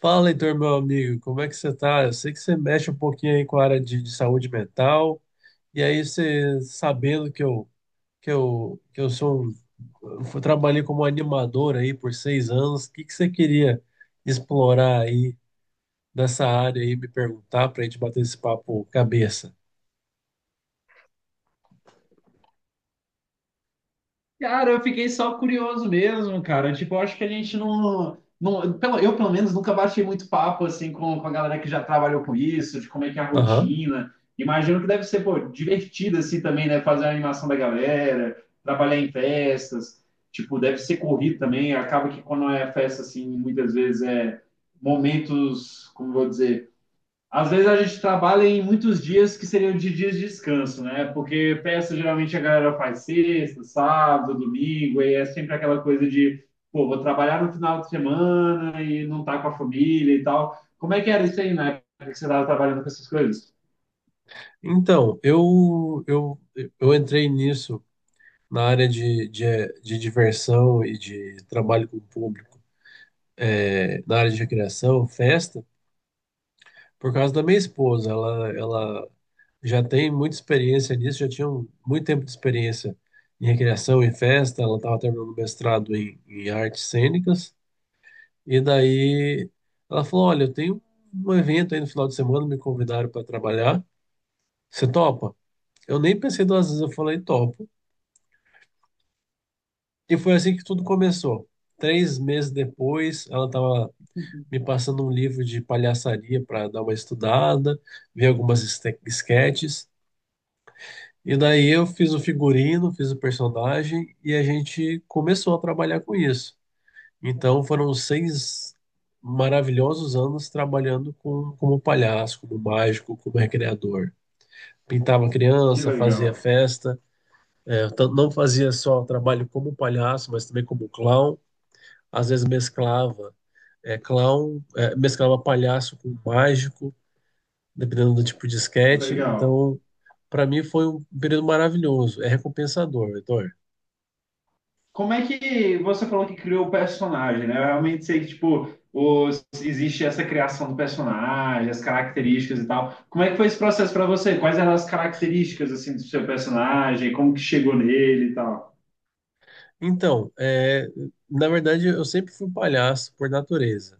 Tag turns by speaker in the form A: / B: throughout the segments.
A: Fala, Heitor, meu amigo, como é que você tá? Eu sei que você mexe um pouquinho aí com a área de saúde mental, e aí você sabendo que eu sou, eu trabalhei como animador aí por seis anos. O que que você queria explorar aí dessa área e me perguntar pra gente bater esse papo cabeça?
B: Cara, eu fiquei só curioso mesmo, cara. Tipo, eu acho que a gente não, não, pelo, eu pelo menos nunca bati muito papo assim com a galera que já trabalhou com isso, de como é que é a
A: Aham.
B: rotina. Imagino que deve ser, pô, divertido assim também, né? Fazer a animação da galera, trabalhar em festas. Tipo, deve ser corrido também. Acaba que quando é festa assim, muitas vezes é momentos, como eu vou dizer, às vezes a gente trabalha em muitos dias que seriam de dias de descanso, né? Porque peça geralmente a galera faz sexta, sábado, domingo, e é sempre aquela coisa de, pô, vou trabalhar no final de semana e não tá com a família e tal. Como é que era isso aí, né? Que você estava trabalhando com essas coisas?
A: Então, eu entrei nisso na área de diversão e de trabalho com o público, na área de recreação, festa, por causa da minha esposa. Ela já tem muita experiência nisso, já tinha muito tempo de experiência em recreação e festa. Ela estava terminando o mestrado em artes cênicas, e daí ela falou: "Olha, eu tenho um evento aí no final de semana, me convidaram para trabalhar, você topa?" Eu nem pensei duas vezes, eu falei: "Topo". E foi assim que tudo começou. Três meses depois, ela estava me passando um livro de palhaçaria para dar uma estudada, ver algumas esquetes. E daí eu fiz o figurino, fiz o personagem e a gente começou a trabalhar com isso. Então foram seis maravilhosos anos trabalhando com, como palhaço, como mágico, como recreador. Pintava
B: Que
A: criança,
B: legal,
A: fazia festa, não fazia só trabalho como palhaço, mas também como clown. Às vezes mesclava clown, mesclava palhaço com mágico, dependendo do tipo de esquete.
B: legal.
A: Então, para mim foi um período maravilhoso, é recompensador, Heitor.
B: Como é que você falou que criou o personagem, né? Eu realmente sei que, tipo, os, existe essa criação do personagem, as características e tal. Como é que foi esse processo para você? Quais eram as características, assim, do seu personagem? Como que chegou nele e tal?
A: Então, na verdade, eu sempre fui palhaço por natureza.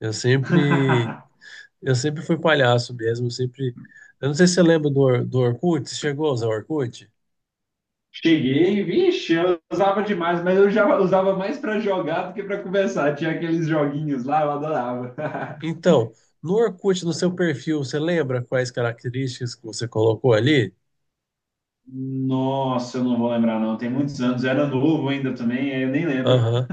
A: Eu sempre, eu sempre fui palhaço mesmo. Eu sempre. Eu não sei se você lembra do, do Orkut. Você chegou a usar o Orkut?
B: Cheguei, vixe, eu usava demais, mas eu já usava mais para jogar do que para conversar. Tinha aqueles joguinhos lá, eu adorava.
A: Então, no Orkut, no seu perfil, você lembra quais características que você colocou ali?
B: Nossa, eu não vou lembrar, não. Tem muitos anos, eu era novo ainda também, aí eu nem lembro.
A: Aham.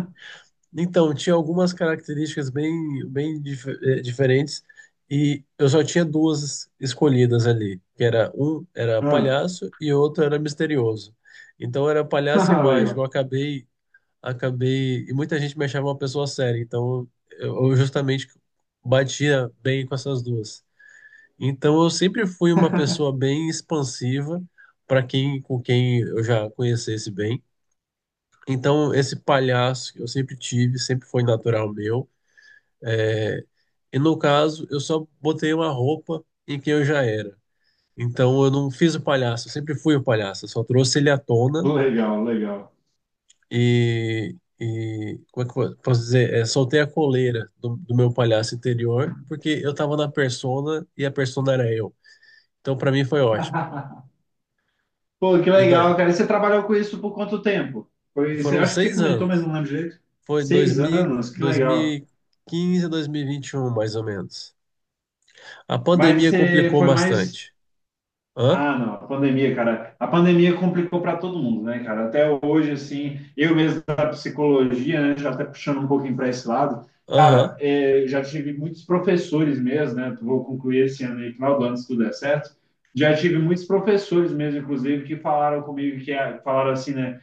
A: Então, tinha algumas características bem, bem diferentes, e eu só tinha duas escolhidas ali, que era um era
B: Ah,
A: palhaço e outro era misterioso. Então era palhaço e mágico. Eu
B: legal,
A: acabei, acabei e muita gente me achava uma pessoa séria, então eu justamente batia bem com essas duas. Então eu sempre fui uma pessoa bem expansiva para quem, com quem eu já conhecesse bem. Então, esse palhaço que eu sempre tive, sempre foi natural meu. E no caso, eu só botei uma roupa em quem eu já era. Então eu não fiz o palhaço, eu sempre fui o palhaço, eu só trouxe ele à tona
B: legal, legal.
A: e como é que eu posso dizer? É, soltei a coleira do meu palhaço interior, porque eu tava na persona e a persona era eu. Então pra mim foi ótimo.
B: Pô, que
A: E daí,
B: legal, cara. E você trabalhou com isso por quanto tempo? Foi, você,
A: foram
B: acho que você
A: seis
B: comentou, mas
A: anos.
B: não lembro direito.
A: Foi
B: Seis
A: 2000,
B: anos, que legal.
A: 2015 a 2021, mais ou menos. A
B: Mas
A: pandemia
B: você
A: complicou
B: foi mais.
A: bastante. Hã?
B: Ah, não, a pandemia, cara. A pandemia complicou para todo mundo, né, cara? Até hoje, assim, eu mesmo da psicologia, né, já até puxando um pouquinho para esse lado.
A: Aham,
B: Cara, já tive muitos professores mesmo, né? Vou concluir esse ano aí, final do ano, se tudo der certo. Já tive muitos professores mesmo, inclusive, que falaram comigo, que ah, falaram assim, né?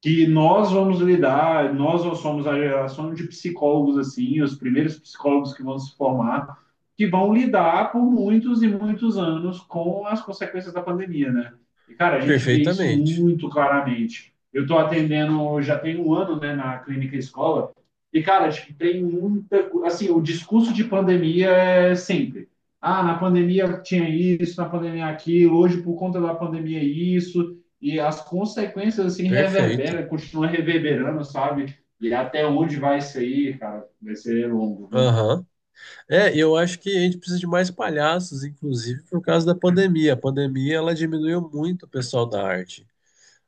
B: Que nós vamos lidar, nós somos a geração de psicólogos assim, os primeiros psicólogos que vão se formar, que vão lidar por muitos e muitos anos com as consequências da pandemia, né? E cara, a gente vê isso
A: perfeitamente.
B: muito claramente. Eu estou atendendo, já tem um ano, né, na clínica escola, e cara, tipo, tem muita, assim, o discurso de pandemia é sempre ah, na pandemia tinha isso, na pandemia aquilo, hoje por conta da pandemia é isso, e as consequências assim
A: Perfeito.
B: reverberam, continuam reverberando, sabe? E até onde vai isso aí, cara? Vai ser longo, viu?
A: Aham. É, eu acho que a gente precisa de mais palhaços, inclusive por causa da pandemia. A pandemia, ela diminuiu muito o pessoal da arte.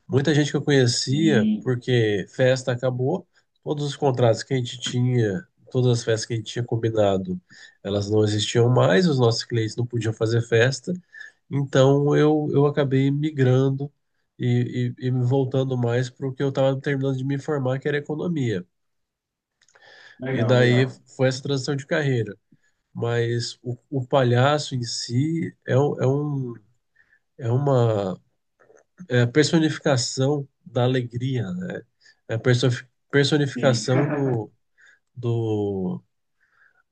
A: Muita gente que eu conhecia,
B: Sim,
A: porque festa acabou, todos os contratos que a gente tinha, todas as festas que a gente tinha combinado, elas não existiam mais, os nossos clientes não podiam fazer festa, então eu acabei migrando e me voltando mais para o que eu estava terminando de me formar, que era economia. E
B: legal,
A: daí
B: legal.
A: foi essa transição de carreira, mas o palhaço em si é, um- é um é uma é a personificação da alegria, né? É a perso-
B: Sim,
A: Personificação do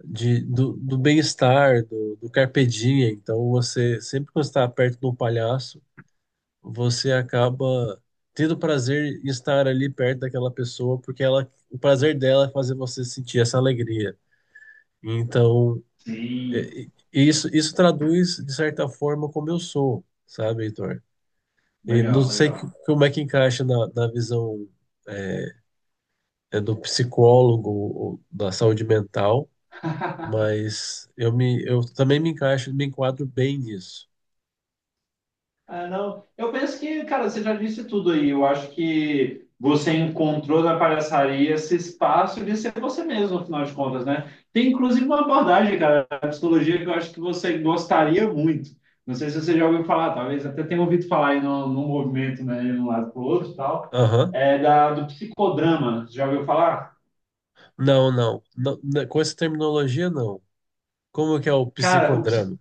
A: do bem-estar, do carpe diem. Então você sempre, quando está perto de um palhaço, você acaba tendo prazer em estar ali perto daquela pessoa, porque ela, o prazer dela é fazer você sentir essa alegria. Então
B: sim,
A: é, e isso traduz, de certa forma, como eu sou, sabe, Heitor? E não
B: legal,
A: sei
B: legal.
A: como é que encaixa na visão é, do psicólogo ou da saúde mental, mas eu também me encaixo, me enquadro bem nisso.
B: Ah, não. Eu penso que, cara, você já disse tudo aí. Eu acho que você encontrou na palhaçaria esse espaço de ser você mesmo, no final de contas, né? Tem inclusive uma abordagem, cara, da psicologia que eu acho que você gostaria muito. Não sei se você já ouviu falar, talvez até tenha ouvido falar aí no movimento, né, de um lado para o outro e tal,
A: Aham.
B: é da, do psicodrama. Você já ouviu falar?
A: Não, não, não, né, com essa terminologia, não. Como que é o
B: Cara, o, psi-
A: psicodrama?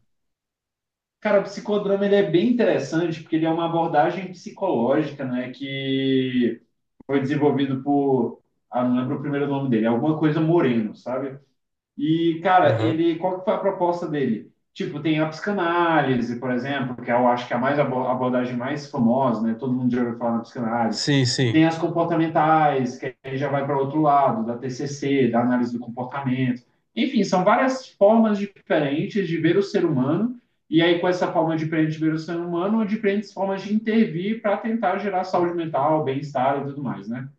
B: cara, o psicodrama ele é bem interessante porque ele é uma abordagem psicológica, né, que foi desenvolvido por, ah, não lembro o primeiro nome dele, alguma coisa Moreno, sabe? E, cara,
A: Aham.
B: ele, qual que foi a proposta dele? Tipo, tem a psicanálise, por exemplo, que é, eu acho que é a mais a abordagem mais famosa, né? Todo mundo já ouviu falar na psicanálise.
A: Sim, sim.
B: Tem as comportamentais, que aí já vai para o outro lado, da TCC, da análise do comportamento. Enfim, são várias formas diferentes de ver o ser humano, e aí com essa forma diferente de ver o ser humano, diferentes formas de intervir para tentar gerar saúde mental, bem-estar e tudo mais, né?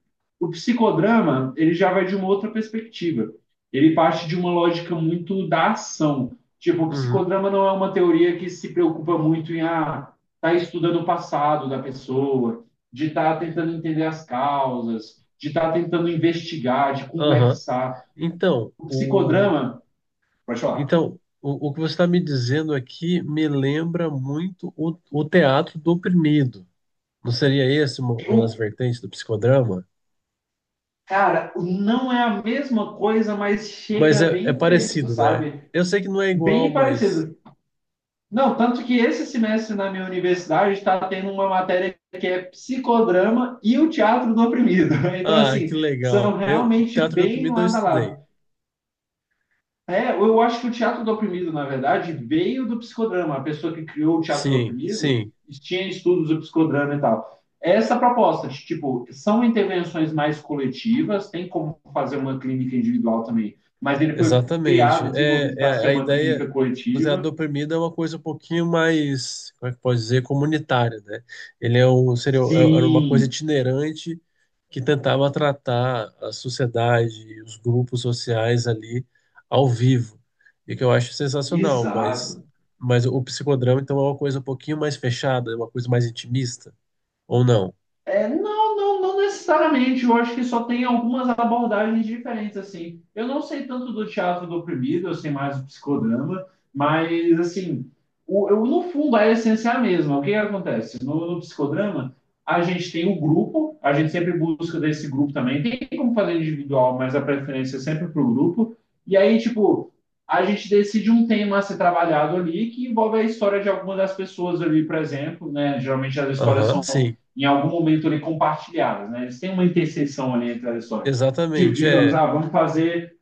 B: O psicodrama, ele já vai de uma outra perspectiva. Ele parte de uma lógica muito da ação. Tipo, o
A: Uhum.
B: psicodrama não é uma teoria que se preocupa muito em ah, tá estudando o passado da pessoa, de estar tá tentando entender as causas, de estar tá tentando investigar, de
A: Aham.
B: conversar.
A: Então,
B: O
A: o,
B: psicodrama, pode falar.
A: Então, o que você está me dizendo aqui me lembra muito o teatro do oprimido. Não seria esse uma das
B: O,
A: vertentes do psicodrama?
B: cara, não é a mesma coisa, mas
A: Mas
B: chega
A: é, é
B: bem perto,
A: parecido, né?
B: sabe?
A: Eu sei que não é
B: Bem
A: igual, mas.
B: parecido. Não, tanto que esse semestre na minha universidade está tendo uma matéria que é psicodrama e o teatro do oprimido. Então,
A: Ah,
B: assim,
A: que
B: são
A: legal. Eu,
B: realmente
A: teatro do
B: bem
A: oprimido eu
B: lado a
A: estudei.
B: lado. É, eu acho que o teatro do oprimido, na verdade, veio do psicodrama. A pessoa que criou o teatro do
A: Sim,
B: oprimido
A: sim.
B: tinha estudos do psicodrama e tal. Essa proposta de, tipo, são intervenções mais coletivas, tem como fazer uma clínica individual também, mas ele foi
A: Exatamente.
B: criado, desenvolvido
A: É
B: para ser
A: a
B: uma clínica
A: ideia do teatro do
B: coletiva.
A: oprimido é uma coisa um pouquinho mais, como é que pode dizer, comunitária, né? Ele é um, seria, é, era uma coisa
B: Sim,
A: itinerante que tentava tratar a sociedade, os grupos sociais ali ao vivo, e que eu acho sensacional,
B: exato.
A: mas o psicodrama então é uma coisa um pouquinho mais fechada, é uma coisa mais intimista, ou não?
B: É, não necessariamente. Eu acho que só tem algumas abordagens diferentes, assim. Eu não sei tanto do teatro do oprimido, eu sei mais do psicodrama, mas, assim, o, eu, no fundo a essência é a mesma. O que que acontece? No psicodrama, a gente tem o grupo, a gente sempre busca desse grupo também. Tem como fazer individual, mas a preferência é sempre para o grupo. E aí, tipo, a gente decide um tema a ser trabalhado ali que envolve a história de alguma das pessoas ali, por exemplo, né? Geralmente as histórias
A: Aham,
B: são
A: sim,
B: em algum momento ali compartilhadas, né? Eles têm uma interseção ali entre as histórias. Tipo,
A: exatamente,
B: digamos,
A: é.
B: ah, vamos fazer,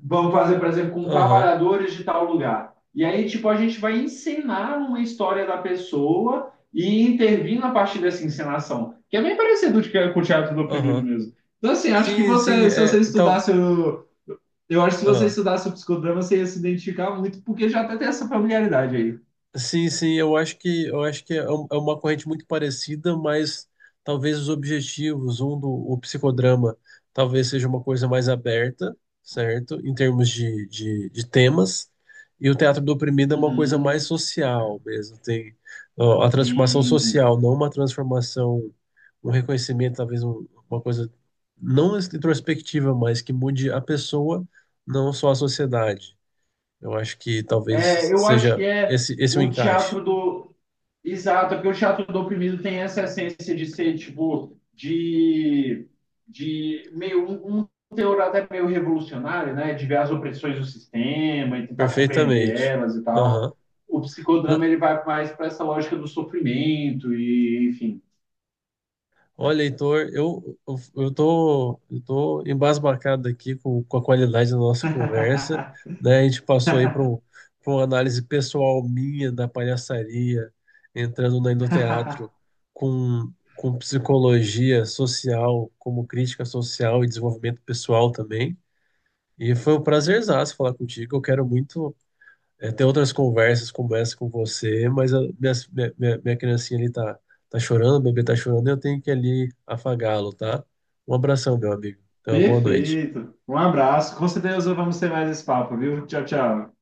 B: vamos fazer, por exemplo, com um
A: Aham,
B: trabalhadores de tal lugar. E aí, tipo, a gente vai encenar uma história da pessoa e intervir na partir dessa encenação, que é bem parecido com o teatro do oprimido
A: aham.
B: mesmo. Então, assim, acho que
A: Sim, sim,
B: você, se
A: é,
B: você
A: tal,
B: estudasse, eu acho que se você
A: ah.
B: estudasse o psicodrama, você ia se identificar muito, porque já até tem essa familiaridade aí.
A: Sim, sim, eu acho que é é uma corrente muito parecida, mas talvez os objetivos, um do o psicodrama, talvez seja uma coisa mais aberta, certo? Em termos de temas, e o teatro do oprimido é uma coisa mais
B: Uhum,
A: social mesmo, tem ó, a transformação
B: sim.
A: social, não uma transformação, um reconhecimento, talvez uma coisa não introspectiva, mas que mude a pessoa, não só a sociedade. Eu acho que
B: É,
A: talvez
B: eu acho que
A: seja
B: é
A: esse, esse é o
B: o
A: encaixe.
B: teatro do, exato, porque o teatro do oprimido tem essa essência de ser, tipo, de meio um, um teor até meio revolucionário, né? De ver as opressões do sistema e tentar compreender
A: Perfeitamente.
B: elas e
A: Aham.
B: tal. O psicodrama
A: Na.
B: ele vai mais para essa lógica do sofrimento e, enfim.
A: Olha, Heitor, eu tô embasbacado aqui com a qualidade da nossa conversa, né? A gente passou aí para uma análise pessoal minha da palhaçaria, entrando no endoteatro com psicologia social, como crítica social e desenvolvimento pessoal também. E foi um prazerzaço falar contigo. Eu quero muito ter outras conversas como essa com você, mas a minha criancinha ali tá, tá chorando, o bebê tá chorando, eu tenho que ali afagá-lo, tá? Um abração, meu amigo. Tenha uma boa noite.
B: Perfeito. Um abraço. Com certeza vamos ter mais esse papo, viu? Tchau, tchau.